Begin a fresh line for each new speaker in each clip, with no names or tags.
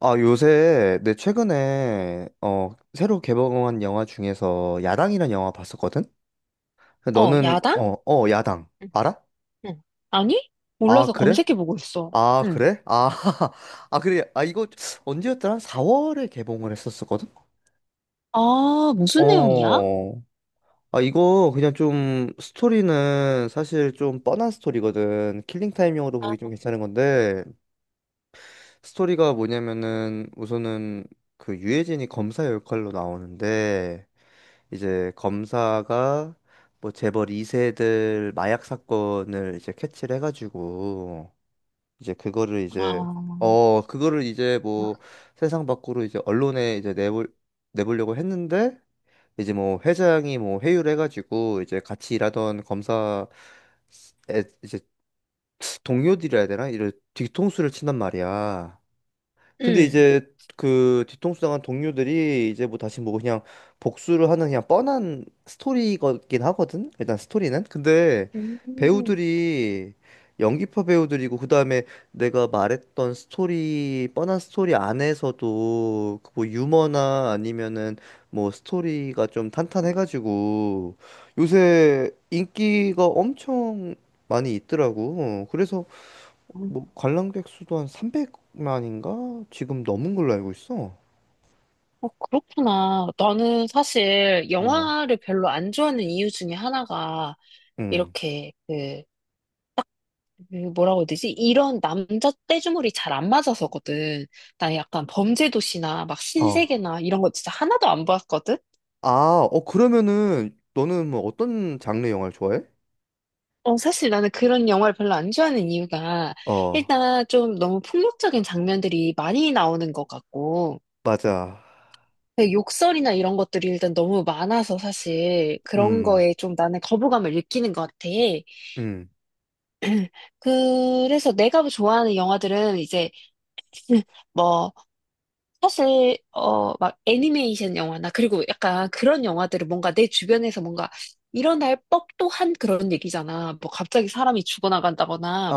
아, 요새, 내 최근에, 새로 개봉한 영화 중에서 야당이란 영화 봤었거든?
어,
너는,
야당?
야당.
응,
알아?
응. 아니?
아,
몰라서
그래?
검색해보고 있어.
아,
응.
그래? 아, 아, 그래. 아, 이거 언제였더라? 한 4월에 개봉을 했었었거든?
아, 무슨 내용이야?
어. 아, 이거 그냥 좀 스토리는 사실 좀 뻔한 스토리거든. 킬링타임용으로 보기 좀 괜찮은 건데, 스토리가 뭐냐면은 우선은 그 유해진이 검사 역할로 나오는데, 이제 검사가 뭐 재벌 2세들 마약 사건을 이제 캐치를 해가지고 이제 그거를 이제
아,
어 그거를 이제 뭐 세상 밖으로 이제 언론에 이제 내볼 내보려고 했는데 이제 뭐 회장이 뭐 회유를 해가지고 이제 같이 일하던 검사 에 이제 동료들이라 해야 되나 이런 뒤통수를 친단 말이야. 근데
응.
이제 그 뒤통수 당한 동료들이 이제 뭐 다시 뭐 그냥 복수를 하는 그냥 뻔한 스토리이긴 하거든. 일단 스토리는. 근데
음,
배우들이 연기파 배우들이고, 그다음에 내가 말했던 스토리 뻔한 스토리 안에서도 그뭐 유머나 아니면은 뭐 스토리가 좀 탄탄해가지고 요새 인기가 엄청 많이 있더라고. 어, 그래서 뭐 관람객 수도 한 300만인가? 지금 넘은 걸로 알고 있어.
어, 그렇구나. 나는 사실
어.
영화를 별로 안 좋아하는 이유 중에 하나가
응.
이렇게 그 뭐라고 해야 되지? 이런 남자 떼주물이 잘 안 맞아서거든. 나 약간 범죄도시나 막
어.
신세계나 이런 거 진짜 하나도 안 봤거든?
아, 그러면은 너는 뭐 어떤 장르 영화를 좋아해?
어, 사실 나는 그런 영화를 별로 안 좋아하는 이유가
어,
일단 좀 너무 폭력적인 장면들이 많이 나오는 것 같고
맞아.
그 욕설이나 이런 것들이 일단 너무 많아서 사실 그런
음.
거에 좀 나는 거부감을 느끼는 것 같아.
음.
그래서 내가 좋아하는 영화들은 이제 뭐 사실 어 막 애니메이션 영화나 그리고 약간 그런 영화들은 뭔가 내 주변에서 뭔가 일어날 법도 한 그런 얘기잖아. 뭐 갑자기 사람이 죽어나간다거나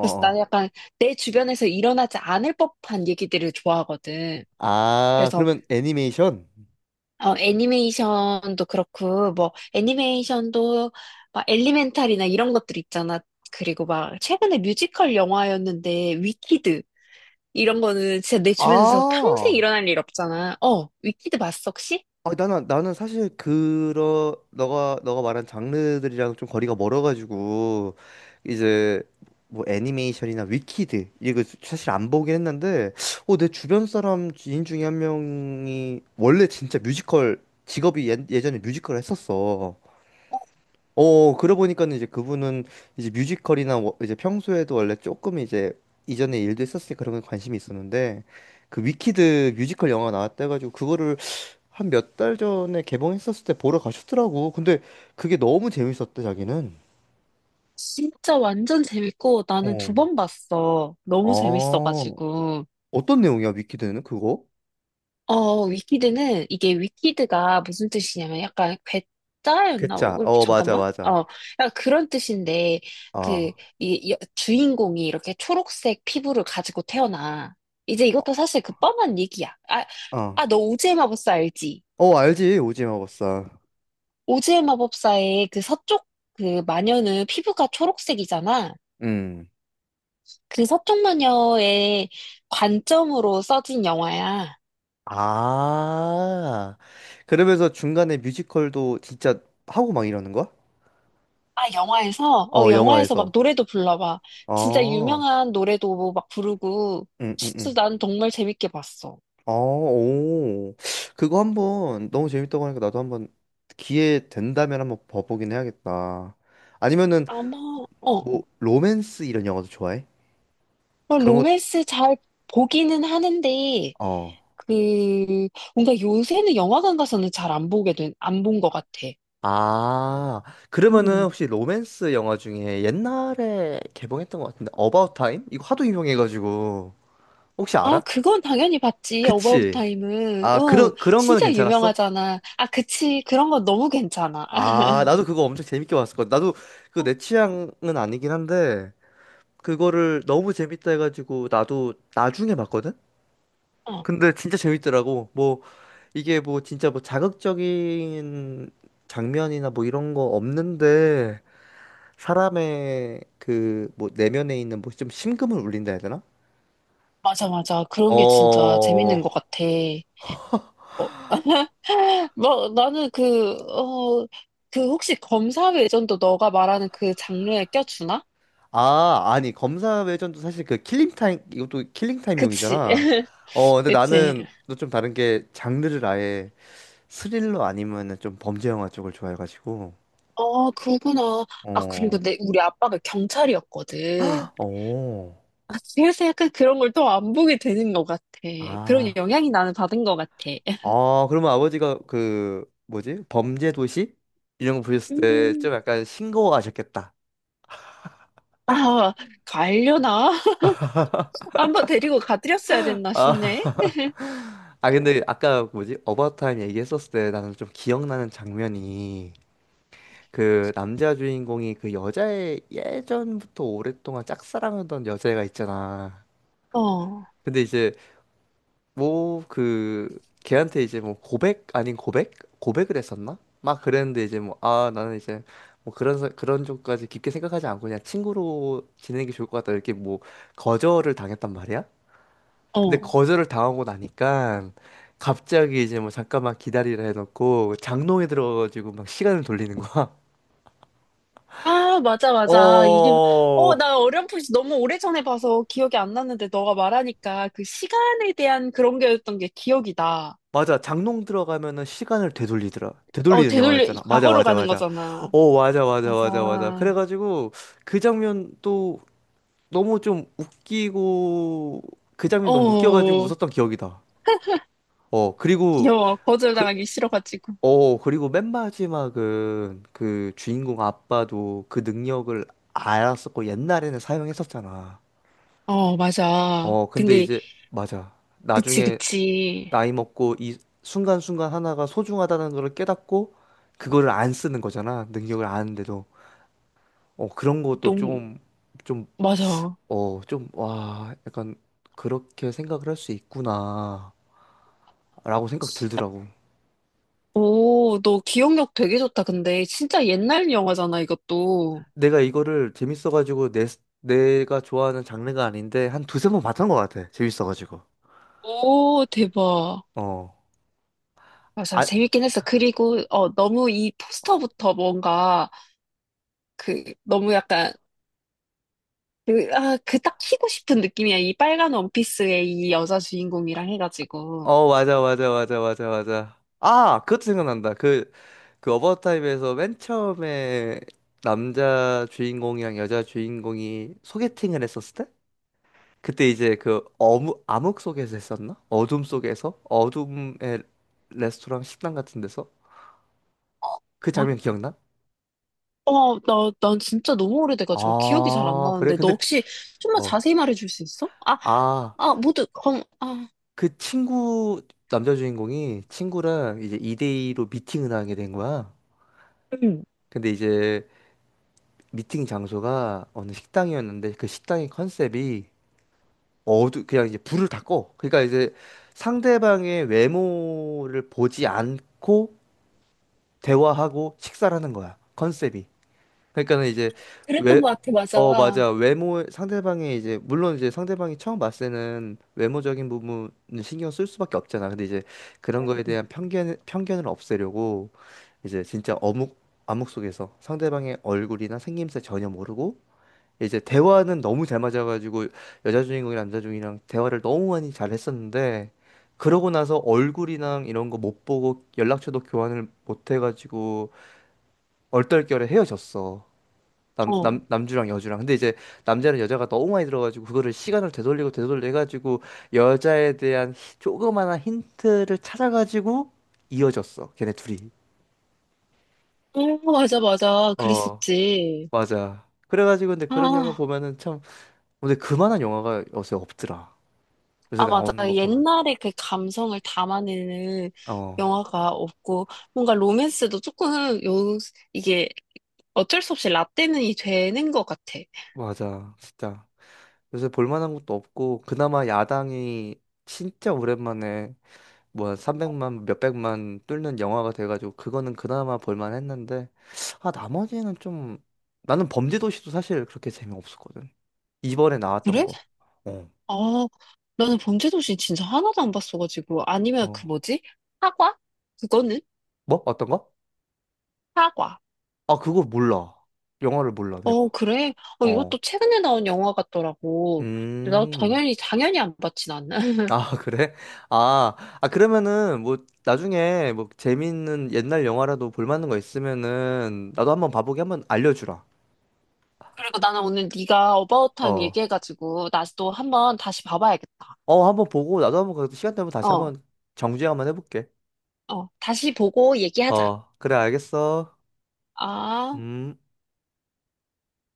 그래서 나는 약간 내 주변에서 일어나지 않을 법한 얘기들을 좋아하거든.
아,
그래서
그러면 애니메이션?
어, 애니메이션도 그렇고 뭐 애니메이션도 막 엘리멘탈이나 이런 것들 있잖아. 그리고 막 최근에 뮤지컬 영화였는데 위키드 이런 거는 진짜 내 주변에서 평생
아.
일어날 일 없잖아. 어, 위키드 봤어 혹시?
아, 나는 사실 그러 너가 말한 장르들이랑 좀 거리가 멀어가지고 이제 뭐 애니메이션이나 위키드 이거 사실 안 보긴 했는데 어 내 주변 사람 지인 중에 한 명이 원래 진짜 뮤지컬 직업이 예전에 뮤지컬을 했었어. 어 그러고 보니까는 이제 그분은 이제 이제 평소에도 원래 조금 이제 이전에 일도 했었으니까 그런 거에 관심이 있었는데, 그 위키드 뮤지컬 영화 나왔다 해가지고 그거를 한 몇 달 전에 개봉했었을 때 보러 가셨더라고. 근데 그게 너무 재밌었대, 자기는.
진짜 완전 재밌고 나는
어,
두 번 봤어. 너무
어,
재밌어가지고.
어떤 내용이야, 위키드는 그거?
어, 위키드는 이게 위키드가 무슨 뜻이냐면 약간 괴짜였나? 어,
괴짜. 어, 맞아,
잠깐만.
맞아.
어, 약간 그런 뜻인데 그
아,
주인공이 이렇게 초록색 피부를 가지고 태어나. 이제
어.
이것도 사실 그 뻔한 얘기야. 아,
어,
아, 너 오즈의 마법사 알지?
어, 알지, 오징어 버사.
오즈의 마법사의 그 서쪽 그 마녀는 피부가 초록색이잖아.
음.
그 서쪽 마녀의 관점으로 써진 영화야.
아, 그러면서 중간에 뮤지컬도 진짜 하고 막 이러는 거야?
아, 영화에서? 어,
어,
영화에서 막
영화에서.
노래도 불러봐. 진짜
어,
유명한 노래도 뭐 막 부르고,
응, 응, 응.
진짜 난 정말 재밌게 봤어.
아, 오. 그거 한번 너무 재밌다고 하니까 나도 한번 기회 된다면 한번 봐보긴 해야겠다. 아니면은
아마, 어,
뭐
어.
로맨스 이런 영화도 좋아해?
뭐
그런 거.
로맨스 잘 보기는 하는데,
어.
그, 뭔가 요새는 영화관 가서는 잘 안 보게 된, 안 본 것 같아.
아, 그러면은
음.
혹시 로맨스 영화 중에 옛날에 개봉했던 것 같은데 어바웃 타임? 이거 하도 유명해가지고 혹시
아,
알아?
그건 당연히 봤지. 어바웃
그치?
타임은.
아,
응,
그런 거는
진짜
괜찮았어?
유명하잖아. 아, 그치. 그런 건 너무 괜찮아.
아, 나도 그거 엄청 재밌게 봤었거든. 나도 그 내 취향은 아니긴 한데 그거를 너무 재밌다 해가지고 나도 나중에 봤거든?
어,
근데 진짜 재밌더라고. 뭐 이게 뭐 진짜 뭐 자극적인 장면이나 뭐 이런 거 없는데 사람의 그 뭐 내면에 있는 뭐 좀 심금을 울린다 해야 되나?
맞아, 맞아. 그런 게 진짜
어.
재밌는 것 같아. 어, 나는 그, 그 혹시 검사 외전도 너가 말하는 그 장르에 껴주나?
아, 아니 검사 외전도 사실 그 킬링 타임, 이것도 킬링
그치.
타임용이잖아. 어, 근데
그치.
나는 또 좀 다른 게, 장르를 아예 스릴러 아니면은 좀 범죄 영화 쪽을 좋아해가지고.
어, 그거구나. 아, 그리고
어.
우리 아빠가 경찰이었거든.
어.
아, 그래서 약간 그런 걸 또 안 보게 되는 것 같아. 그런
아,
영향이 나는 받은 것 같아.
아, 그러면 아버지가 그 뭐지? 범죄 도시 이런 거 보셨을 때
음.
좀 약간 싱거워하셨겠다.
아, 갈려나? 한번 데리고 가드렸어야 됐나 싶네.
아, 아 근데 아까 뭐지? 어바웃 타임 얘기했었을 때 나는 좀 기억나는 장면이, 그 남자 주인공이 그 여자의 예전부터 오랫동안 짝사랑하던 여자애가 있잖아.
어,
근데 이제 뭐 그 걔한테 이제 뭐 고백 아닌 고백 고백을 했었나? 막 그랬는데 이제 뭐 아 나는 이제 뭐 그런 쪽까지 깊게 생각하지 않고 그냥 친구로 지내는 게 좋을 것 같다 이렇게 뭐 거절을 당했단 말이야. 근데
어.
거절을 당하고 나니까 갑자기 이제 뭐 잠깐만 기다리라 해놓고 장롱에 들어가지고 막 시간을 돌리는 거야.
아, 맞아, 맞아. 이게, 어,
어,
나 어렴풋이 너무 오래전에 봐서 기억이 안 났는데 너가 말하니까 그 시간에 대한 그런 게였던 게 기억이 나.
맞아. 장롱 들어가면은 시간을 되돌리더라.
어,
되돌리는
되돌려,
영화였잖아. 맞아,
과거로
맞아,
가는
맞아.
거잖아.
어, 맞아, 맞아, 맞아, 맞아.
맞아.
그래가지고 그 장면도 너무 좀 웃기고, 그 장면 너무 웃겨가지고
어,
웃었던 기억이다. 어, 그리고
귀여워.
그,
거절당하기 싫어가지고.
그리고 맨 마지막은 그 주인공 아빠도 그 능력을 알았었고 옛날에는 사용했었잖아.
어, 맞아.
어, 근데
근데,
이제 맞아.
그치,
나중에
그치.
나이 먹고 이 순간순간 하나가 소중하다는 걸 깨닫고 그거를 안 쓰는 거잖아. 능력을 아는데도. 어, 그런 것도
너무,
좀, 좀,
맞아.
어, 좀, 와, 약간 그렇게 생각을 할 수 있구나. 라고 생각 들더라고.
오, 너 기억력 되게 좋다. 근데, 진짜 옛날 영화잖아, 이것도.
내가 이거를 재밌어가지고 내가 좋아하는 장르가 아닌데 한 두세 번 봤던 것 같아. 재밌어가지고.
오, 대박.
어.
맞아,
아,
재밌긴 했어. 그리고, 어, 너무 이 포스터부터 뭔가, 그, 너무 약간, 그, 그 딱 키고 싶은 느낌이야. 이 빨간 원피스의 이 여자 주인공이랑 해가지고.
어, 맞아, 맞아, 맞아, 맞아, 맞아. 아, 그것도 생각난다. 그 어바웃 타임에서 맨 처음에 남자 주인공이랑 여자 주인공이 소개팅을 했었을 때? 그때 이제 그 암흑 속에서 했었나? 어둠 속에서? 어둠의 레스토랑 식당 같은 데서? 그
어,
장면 기억나?
어, 난 진짜 너무 오래돼가지고 기억이 잘 안
아, 그래?
나는데, 너
근데,
혹시 좀만
어,
자세히 말해줄 수 있어? 아,
아,
아, 아,
그 친구, 남자 주인공이 친구랑 이제 2대2로 미팅을 하게 된 거야.
응.
근데 이제 미팅 장소가 어느 식당이었는데 그 식당의 컨셉이 어두 그냥 이제 불을 다 꺼. 그러니까 이제 상대방의 외모를 보지 않고 대화하고 식사를 하는 거야. 컨셉이. 그러니까는 이제 외
그랬던 것 같아, 맞아.
어,
어.
맞아. 외모, 상대방의 이제, 물론 이제 상대방이 처음 봤을 때는 외모적인 부분을 신경 쓸 수밖에 없잖아. 근데 이제 그런 거에 대한 편견을 없애려고 이제 진짜 암묵 속에서 상대방의 얼굴이나 생김새 전혀 모르고 이제 대화는 너무 잘 맞아가지고 여자 주인공이 남자 주인공이랑 대화를 너무 많이 잘 했었는데 그러고 나서 얼굴이랑 이런 거 못 보고 연락처도 교환을 못 해가지고 얼떨결에 헤어졌어. 남주랑 여주랑. 근데 이제 남자는 여자가 너무 많이 들어가지고 그거를 시간을 되돌리고 되돌려 해가지고 여자에 대한 조그마한 힌트를 찾아가지고 이어졌어. 걔네 둘이.
어, 맞아, 맞아.
어,
그랬었지.
맞아. 그래가지고 근데 그런 영화
아.
보면은 참 근데 그만한 영화가 요새 없더라. 요새
아, 맞아.
나오는 거 보면.
옛날에 그 감성을 담아내는
어,
영화가 없고, 뭔가 로맨스도 조금, 이게 어쩔 수 없이 라떼는이 되는 것 같아.
맞아. 진짜. 요새 볼만한 것도 없고, 그나마 야당이 진짜 오랜만에 뭐 300만, 몇백만 뚫는 영화가 돼가지고, 그거는 그나마 볼만했는데, 아, 나머지는 좀, 나는 범죄도시도 사실 그렇게 재미없었거든. 이번에 나왔던
그래?
거. 어,
아, 나는 범죄도시 진짜 하나도 안 봤어가지고. 아니면 그
어.
뭐지? 사과? 그거는?
뭐? 어떤 거?
사과.
아, 그거 몰라. 영화를 몰라,
어,
내가.
그래? 어,
어.
이것도 최근에 나온 영화 같더라고. 근데 나
음.
당연히, 당연히 안 봤지, 나는.
아, 그래? 아, 아, 그러면은, 뭐, 나중에, 뭐, 재밌는 옛날 영화라도 볼 만한 거 있으면은, 나도 한번 봐보게 한번 알려주라.
그리고 나는 오늘 네가 어바웃 타임
어.
얘기해가지고, 나도 한번 다시 봐봐야겠다.
어, 한번 보고, 나도 한번, 그 시간 되면 다시
어.
한번 정주행 한번 해볼게.
어, 다시 보고 얘기하자.
어, 그래, 알겠어.
아.
음.